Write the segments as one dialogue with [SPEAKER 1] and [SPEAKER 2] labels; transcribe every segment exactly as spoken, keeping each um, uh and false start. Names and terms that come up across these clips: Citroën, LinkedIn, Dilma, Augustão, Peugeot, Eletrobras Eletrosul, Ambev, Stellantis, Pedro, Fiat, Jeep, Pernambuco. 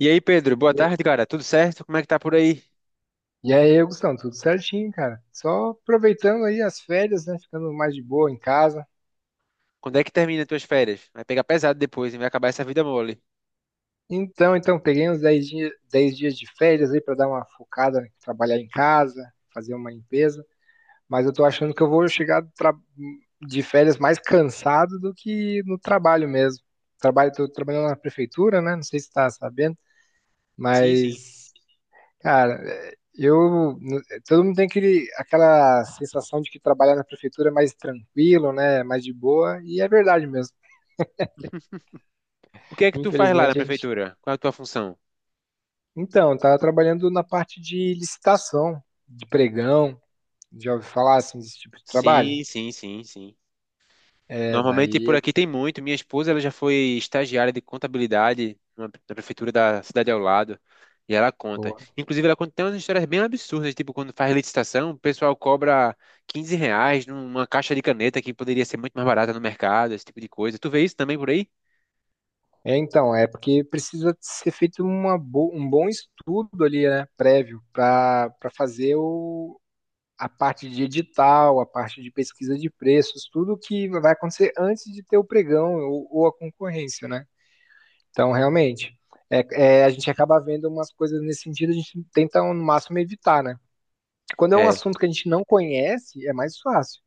[SPEAKER 1] E aí, Pedro, boa
[SPEAKER 2] E
[SPEAKER 1] tarde, cara. Tudo certo? Como é que tá por aí?
[SPEAKER 2] e aí, Augustão, tudo certinho, cara? Só aproveitando aí as férias, né? Ficando mais de boa em casa.
[SPEAKER 1] Quando é que termina as tuas férias? Vai pegar pesado depois, e vai acabar essa vida mole.
[SPEAKER 2] Então, então, peguei uns dez dias, dez dias de férias aí para dar uma focada, né? Trabalhar em casa, fazer uma limpeza. Mas eu tô achando que eu vou chegar do tra- de férias mais cansado do que no trabalho mesmo. Trabalho, tô trabalhando na prefeitura, né? Não sei se tá sabendo,
[SPEAKER 1] Sim, sim.
[SPEAKER 2] mas cara, é, eu. No- todo mundo tem aquele, aquela sensação de que trabalhar na prefeitura é mais tranquilo, né? Mais de boa, e é verdade mesmo.
[SPEAKER 1] O que é que tu faz lá na
[SPEAKER 2] Infelizmente, a gente.
[SPEAKER 1] prefeitura? Qual é a tua função?
[SPEAKER 2] Então, eu tava trabalhando na parte de licitação, de pregão, já ouvi falar assim desse tipo de trabalho?
[SPEAKER 1] Sim, sim, sim, sim.
[SPEAKER 2] É,
[SPEAKER 1] Normalmente
[SPEAKER 2] daí
[SPEAKER 1] por
[SPEAKER 2] é
[SPEAKER 1] aqui
[SPEAKER 2] de
[SPEAKER 1] tem muito. Minha esposa, ela já foi estagiária de contabilidade na na prefeitura da cidade ao lado. E ela conta.
[SPEAKER 2] boa.
[SPEAKER 1] Inclusive, ela conta tem umas histórias bem absurdas, tipo quando faz licitação, o pessoal cobra quinze reais numa caixa de caneta que poderia ser muito mais barata no mercado, esse tipo de coisa. Tu vê isso também por aí?
[SPEAKER 2] É, então, é porque precisa ser feito uma bo- um bom estudo ali, né, prévio, para para fazer o, a parte de edital, a parte de pesquisa de preços, tudo que vai acontecer antes de ter o pregão ou, ou a concorrência, né? Então, realmente, é, é, a gente acaba vendo umas coisas nesse sentido, a gente tenta no máximo evitar, né? Quando é um assunto que a gente não conhece, é mais fácil.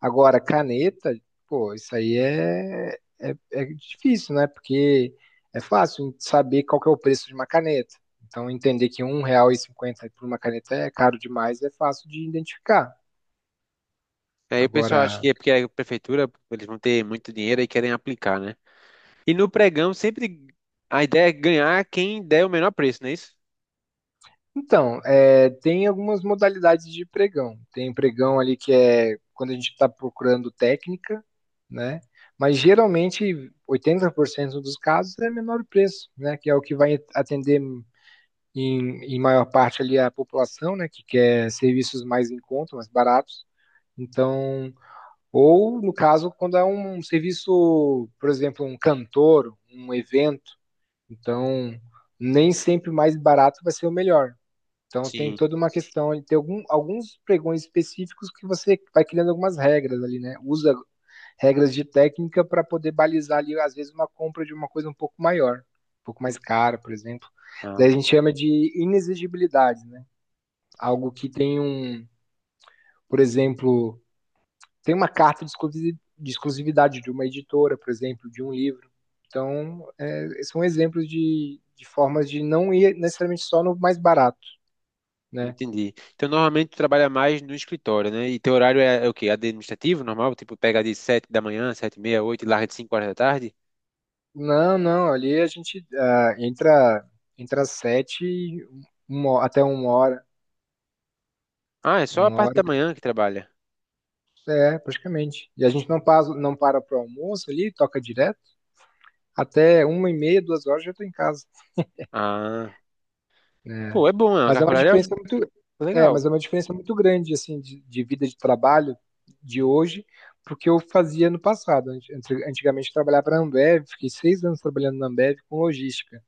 [SPEAKER 2] Agora, caneta, pô, isso aí é, é, é difícil, né? Porque é fácil saber qual que é o preço de uma caneta. Então, entender que um real e cinquenta por uma caneta é caro demais é fácil de identificar.
[SPEAKER 1] Aí o pessoal acha
[SPEAKER 2] Agora,
[SPEAKER 1] que é porque a prefeitura, eles vão ter muito dinheiro e querem aplicar, né? E no pregão, sempre a ideia é ganhar quem der o menor preço, não é isso?
[SPEAKER 2] então, é, tem algumas modalidades de pregão. Tem pregão ali que é quando a gente está procurando técnica, né? Mas geralmente oitenta por cento dos casos é menor preço, né? Que é o que vai atender em, em maior parte ali a população, né? Que quer serviços mais em conta, mais baratos. Então, ou no caso, quando é um serviço, por exemplo, um cantor, um evento, então nem sempre o mais barato vai ser o melhor. Então tem
[SPEAKER 1] Sim.
[SPEAKER 2] toda uma questão de ter algum, alguns pregões específicos que você vai criando algumas regras ali, né? Usa regras de técnica para poder balizar ali, às vezes, uma compra de uma coisa um pouco maior, um pouco mais cara, por exemplo. Daí a
[SPEAKER 1] Ah,
[SPEAKER 2] gente chama de inexigibilidade, né? Algo que tem um, por exemplo, tem uma carta de exclusi- de exclusividade de uma editora, por exemplo, de um livro. Então, é, são exemplos de, de formas de não ir necessariamente só no mais barato, né?
[SPEAKER 1] entendi. Então, normalmente tu trabalha mais no escritório, né? E teu horário é, é o quê? Administrativo, normal? Tipo, pega de sete da manhã, sete e meia, oito, e larga de cinco horas da tarde?
[SPEAKER 2] Não, não, ali a gente ah, entra, entra às sete, e uma- até uma hora,
[SPEAKER 1] Ah, é só a
[SPEAKER 2] uma
[SPEAKER 1] parte
[SPEAKER 2] hora,
[SPEAKER 1] da manhã que trabalha.
[SPEAKER 2] é, praticamente. E a gente não passa, não para pro almoço ali, toca direto, até uma e meia, duas horas já tô em casa,
[SPEAKER 1] Ah,
[SPEAKER 2] né?
[SPEAKER 1] pô, é bom, né? A
[SPEAKER 2] Mas é
[SPEAKER 1] carga
[SPEAKER 2] uma
[SPEAKER 1] horária
[SPEAKER 2] diferença muito,
[SPEAKER 1] é
[SPEAKER 2] é,
[SPEAKER 1] legal.
[SPEAKER 2] mas é uma diferença muito grande, assim, de, de vida de trabalho de hoje pro que eu fazia no passado. Ante- Antigamente eu trabalhava na Ambev, fiquei seis anos trabalhando na Ambev com logística.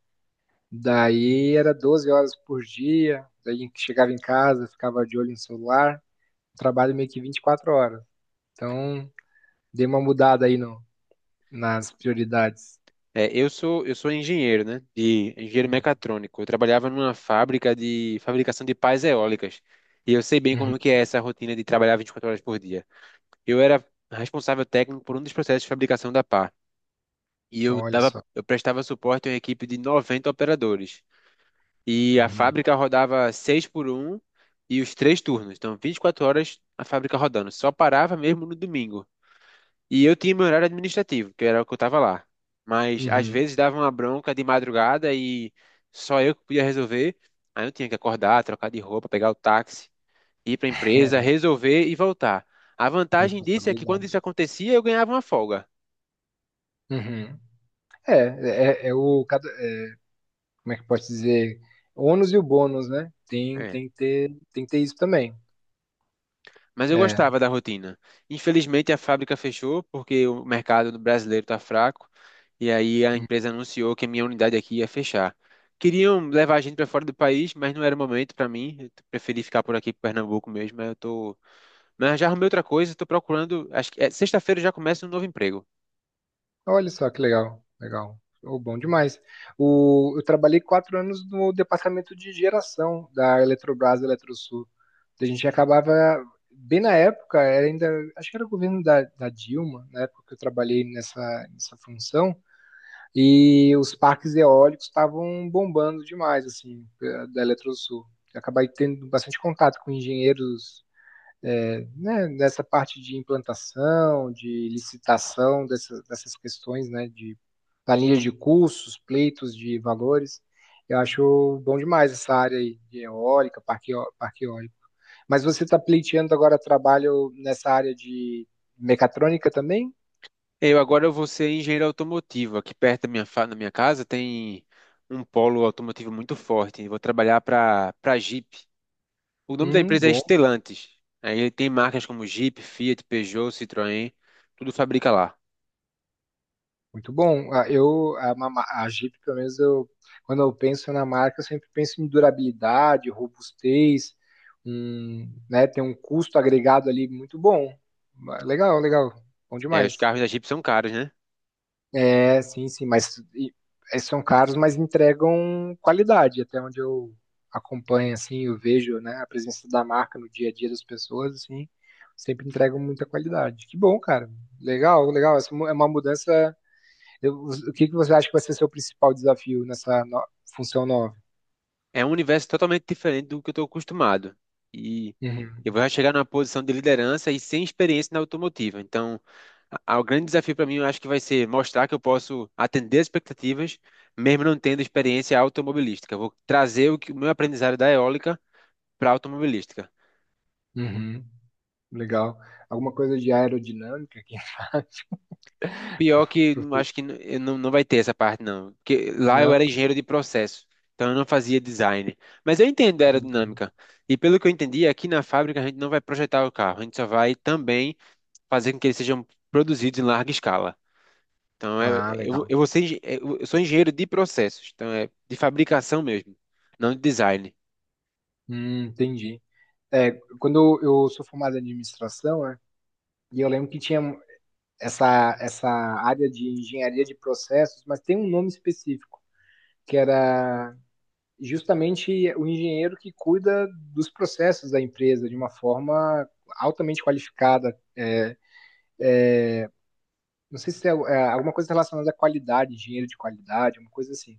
[SPEAKER 2] Daí era doze horas por dia, daí chegava em casa, ficava de olho no celular, trabalho meio que vinte e quatro horas. Então, dei uma mudada aí no, nas prioridades.
[SPEAKER 1] É, eu sou, eu sou engenheiro, né? De engenheiro mecatrônico. Eu trabalhava numa fábrica de fabricação de pás eólicas. E eu sei bem
[SPEAKER 2] Uhum.
[SPEAKER 1] como que é essa rotina de trabalhar vinte e quatro horas por dia. Eu era responsável técnico por um dos processos de fabricação da pá. E eu
[SPEAKER 2] Olha
[SPEAKER 1] dava,
[SPEAKER 2] só.
[SPEAKER 1] eu prestava suporte a uma equipe de noventa operadores. E a
[SPEAKER 2] Uhum.
[SPEAKER 1] fábrica rodava seis por um e os três turnos. Então, vinte e quatro horas a fábrica rodando. Só parava mesmo no domingo. E eu tinha meu horário administrativo, que era o que eu tava lá. Mas às
[SPEAKER 2] Uhum.
[SPEAKER 1] vezes dava uma bronca de madrugada e só eu que podia resolver. Aí eu tinha que acordar, trocar de roupa, pegar o táxi, ir para a empresa, resolver e voltar. A vantagem disso é que quando
[SPEAKER 2] Responsabilidade.
[SPEAKER 1] isso acontecia, eu ganhava uma folga.
[SPEAKER 2] Uhum. É, é, é é o, cada- é, como é que pode dizer? O ônus e o bônus, né? Tem,
[SPEAKER 1] É.
[SPEAKER 2] tem que ter, tem que ter isso também.
[SPEAKER 1] Mas eu
[SPEAKER 2] É.
[SPEAKER 1] gostava da rotina. Infelizmente, a fábrica fechou porque o mercado brasileiro está fraco. E aí a empresa anunciou que a minha unidade aqui ia fechar. Queriam levar a gente para fora do país, mas não era o momento para mim. Eu preferi ficar por aqui, por Pernambuco mesmo. Mas eu tô, mas já arrumei outra coisa. Estou procurando. Acho que é, sexta-feira eu já começa um novo emprego.
[SPEAKER 2] Olha só que legal, legal. Oh, bom demais. O, eu trabalhei quatro anos no departamento de geração da Eletrobras Eletrosul. A gente acabava, bem na época, era ainda, acho que era o governo da, da Dilma, na época que eu trabalhei nessa, nessa função, e os parques eólicos estavam bombando demais, assim, da Eletrosul. Eu acabei tendo bastante contato com engenheiros é, né, nessa parte de implantação, de licitação dessa, dessas questões, né, de planilha de cursos, pleitos de valores. Eu acho bom demais essa área aí de eólica, parque, parque eólico. Mas você está pleiteando agora trabalho nessa área de mecatrônica também?
[SPEAKER 1] Eu agora eu vou ser engenheiro automotivo. Aqui perto da minha, fa- da minha casa tem um polo automotivo muito forte. Eu vou trabalhar para para Jeep. O nome da
[SPEAKER 2] Hum,
[SPEAKER 1] empresa é
[SPEAKER 2] bom.
[SPEAKER 1] Stellantis. Aí ele tem marcas como Jeep, Fiat, Peugeot, Citroën, tudo fabrica lá.
[SPEAKER 2] Muito bom. Ah, Eu, a, ma- a Jeep, pelo menos, eu, quando eu penso na marca, eu sempre penso em durabilidade, robustez, um, né, tem um custo agregado ali muito bom. Ah, Legal, legal. Bom
[SPEAKER 1] É, os
[SPEAKER 2] demais.
[SPEAKER 1] carros da Jeep são caros, né?
[SPEAKER 2] É, sim, sim, mas e- é, são caros, mas entregam qualidade, até onde eu acompanho, assim, eu vejo, né, a presença da marca no dia a dia das pessoas, assim, sempre entregam muita qualidade. Que bom, cara. Legal, legal. Essa mu- é uma mudança eu, o que, que você acha que vai ser seu principal desafio nessa no- função nova?
[SPEAKER 1] É um universo totalmente diferente do que eu estou acostumado. E eu
[SPEAKER 2] Uhum,
[SPEAKER 1] vou chegar numa posição de liderança e sem experiência na automotiva. Então, a- a- o grande desafio para mim, eu acho que vai ser mostrar que eu posso atender as expectativas, mesmo não tendo experiência automobilística. Eu vou trazer o que o meu aprendizado da eólica para a automobilística.
[SPEAKER 2] uhum, legal. Alguma coisa de aerodinâmica aqui?
[SPEAKER 1] Pior que não- acho que n- eu não, não vai ter essa parte, não. Porque lá eu
[SPEAKER 2] Não?
[SPEAKER 1] era engenheiro de processo, então eu não fazia design. Mas eu entendo a
[SPEAKER 2] Uhum.
[SPEAKER 1] aerodinâmica. E pelo que eu entendi, aqui na fábrica a gente não vai projetar o carro, a gente só vai também fazer com que eles sejam produzidos em larga escala. Então é-
[SPEAKER 2] Ah,
[SPEAKER 1] eu,
[SPEAKER 2] legal.
[SPEAKER 1] eu, vou ser engen- é, eu eu sou engenheiro de processos, então é de fabricação mesmo, não de design.
[SPEAKER 2] Hum, entendi. É, quando eu sou formado em administração, né, e eu lembro que tinha um, essa, essa área de engenharia de processos, mas tem um nome específico, que era justamente o engenheiro que cuida dos processos da empresa de uma forma altamente qualificada. é, Não sei se tem algu- é, alguma coisa relacionada à qualidade, dinheiro de qualidade, uma coisa assim.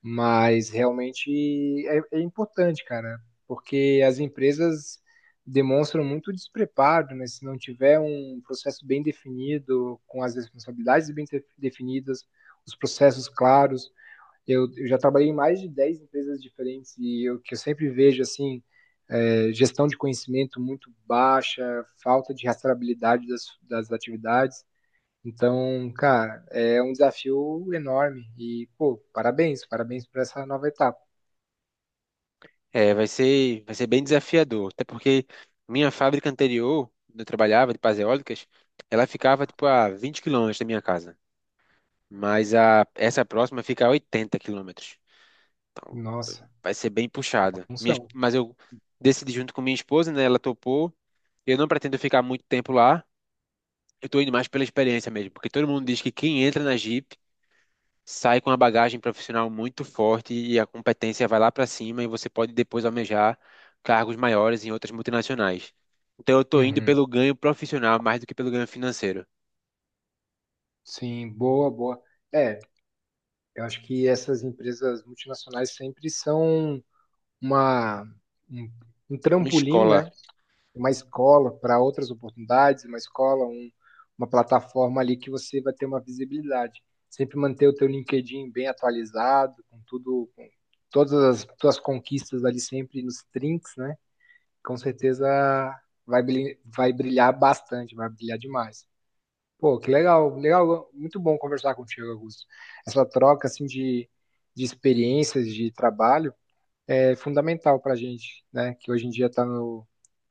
[SPEAKER 2] Mas realmente é, é importante, cara, porque as empresas demonstram muito despreparo, né? Se não tiver um processo bem definido, com as responsabilidades bem de- definidas, os processos claros. Eu, eu já trabalhei em mais de dez empresas diferentes e o que eu sempre vejo, assim, é, gestão de conhecimento muito baixa, falta de rastreabilidade das, das atividades. Então, cara, é um desafio enorme. E, pô, parabéns, parabéns por essa nova etapa.
[SPEAKER 1] É, vai ser, vai ser bem desafiador, até porque minha fábrica anterior, onde eu trabalhava, de pás eólicas, ela ficava tipo a vinte quilômetros da minha casa. Mas a, essa próxima fica a oitenta quilômetros.
[SPEAKER 2] Nossa,
[SPEAKER 1] Vai ser bem
[SPEAKER 2] é uma
[SPEAKER 1] puxada. Minha es-
[SPEAKER 2] função.
[SPEAKER 1] mas eu decidi junto com minha esposa, né? Ela topou. Eu não pretendo ficar muito tempo lá. Eu tô indo mais pela experiência mesmo, porque todo mundo diz que quem entra na Jeep sai com uma bagagem profissional muito forte e a competência vai lá para cima e você pode depois almejar cargos maiores em outras multinacionais. Então eu tô indo
[SPEAKER 2] Uhum.
[SPEAKER 1] pelo ganho profissional mais do que pelo ganho financeiro.
[SPEAKER 2] Sim, boa, boa. É, eu acho que essas empresas multinacionais sempre são uma, um, um
[SPEAKER 1] Uma
[SPEAKER 2] trampolim,
[SPEAKER 1] escola.
[SPEAKER 2] né? Uma escola para outras oportunidades, uma escola, um, uma plataforma ali que você vai ter uma visibilidade. Sempre manter o teu LinkedIn bem atualizado, com tudo, com todas as tuas conquistas ali sempre nos trinks, né? Com certeza vai brilhar, vai brilhar bastante, vai brilhar demais. Pô, que legal, legal, muito bom conversar contigo, Augusto. Essa troca assim de, de experiências de trabalho é fundamental para a gente, né? Que hoje em dia está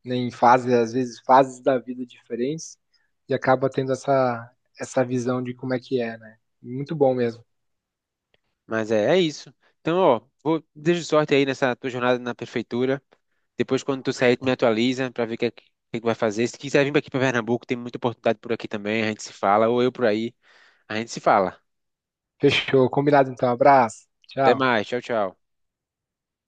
[SPEAKER 2] em fases, às vezes fases da vida diferentes e acaba tendo essa, essa visão de como é que é, né? Muito bom mesmo.
[SPEAKER 1] Mas é, é isso. Então, ó, vou, desejo sorte aí nessa tua jornada na prefeitura. Depois, quando tu sair, tu me atualiza pra ver o que, é que, que é que vai fazer. Se quiser vir aqui pra Pernambuco, tem muita oportunidade por aqui também. A gente se fala, ou eu por aí, a gente se fala.
[SPEAKER 2] Fechou, combinado então, abraço,
[SPEAKER 1] Até
[SPEAKER 2] tchau.
[SPEAKER 1] mais, tchau, tchau.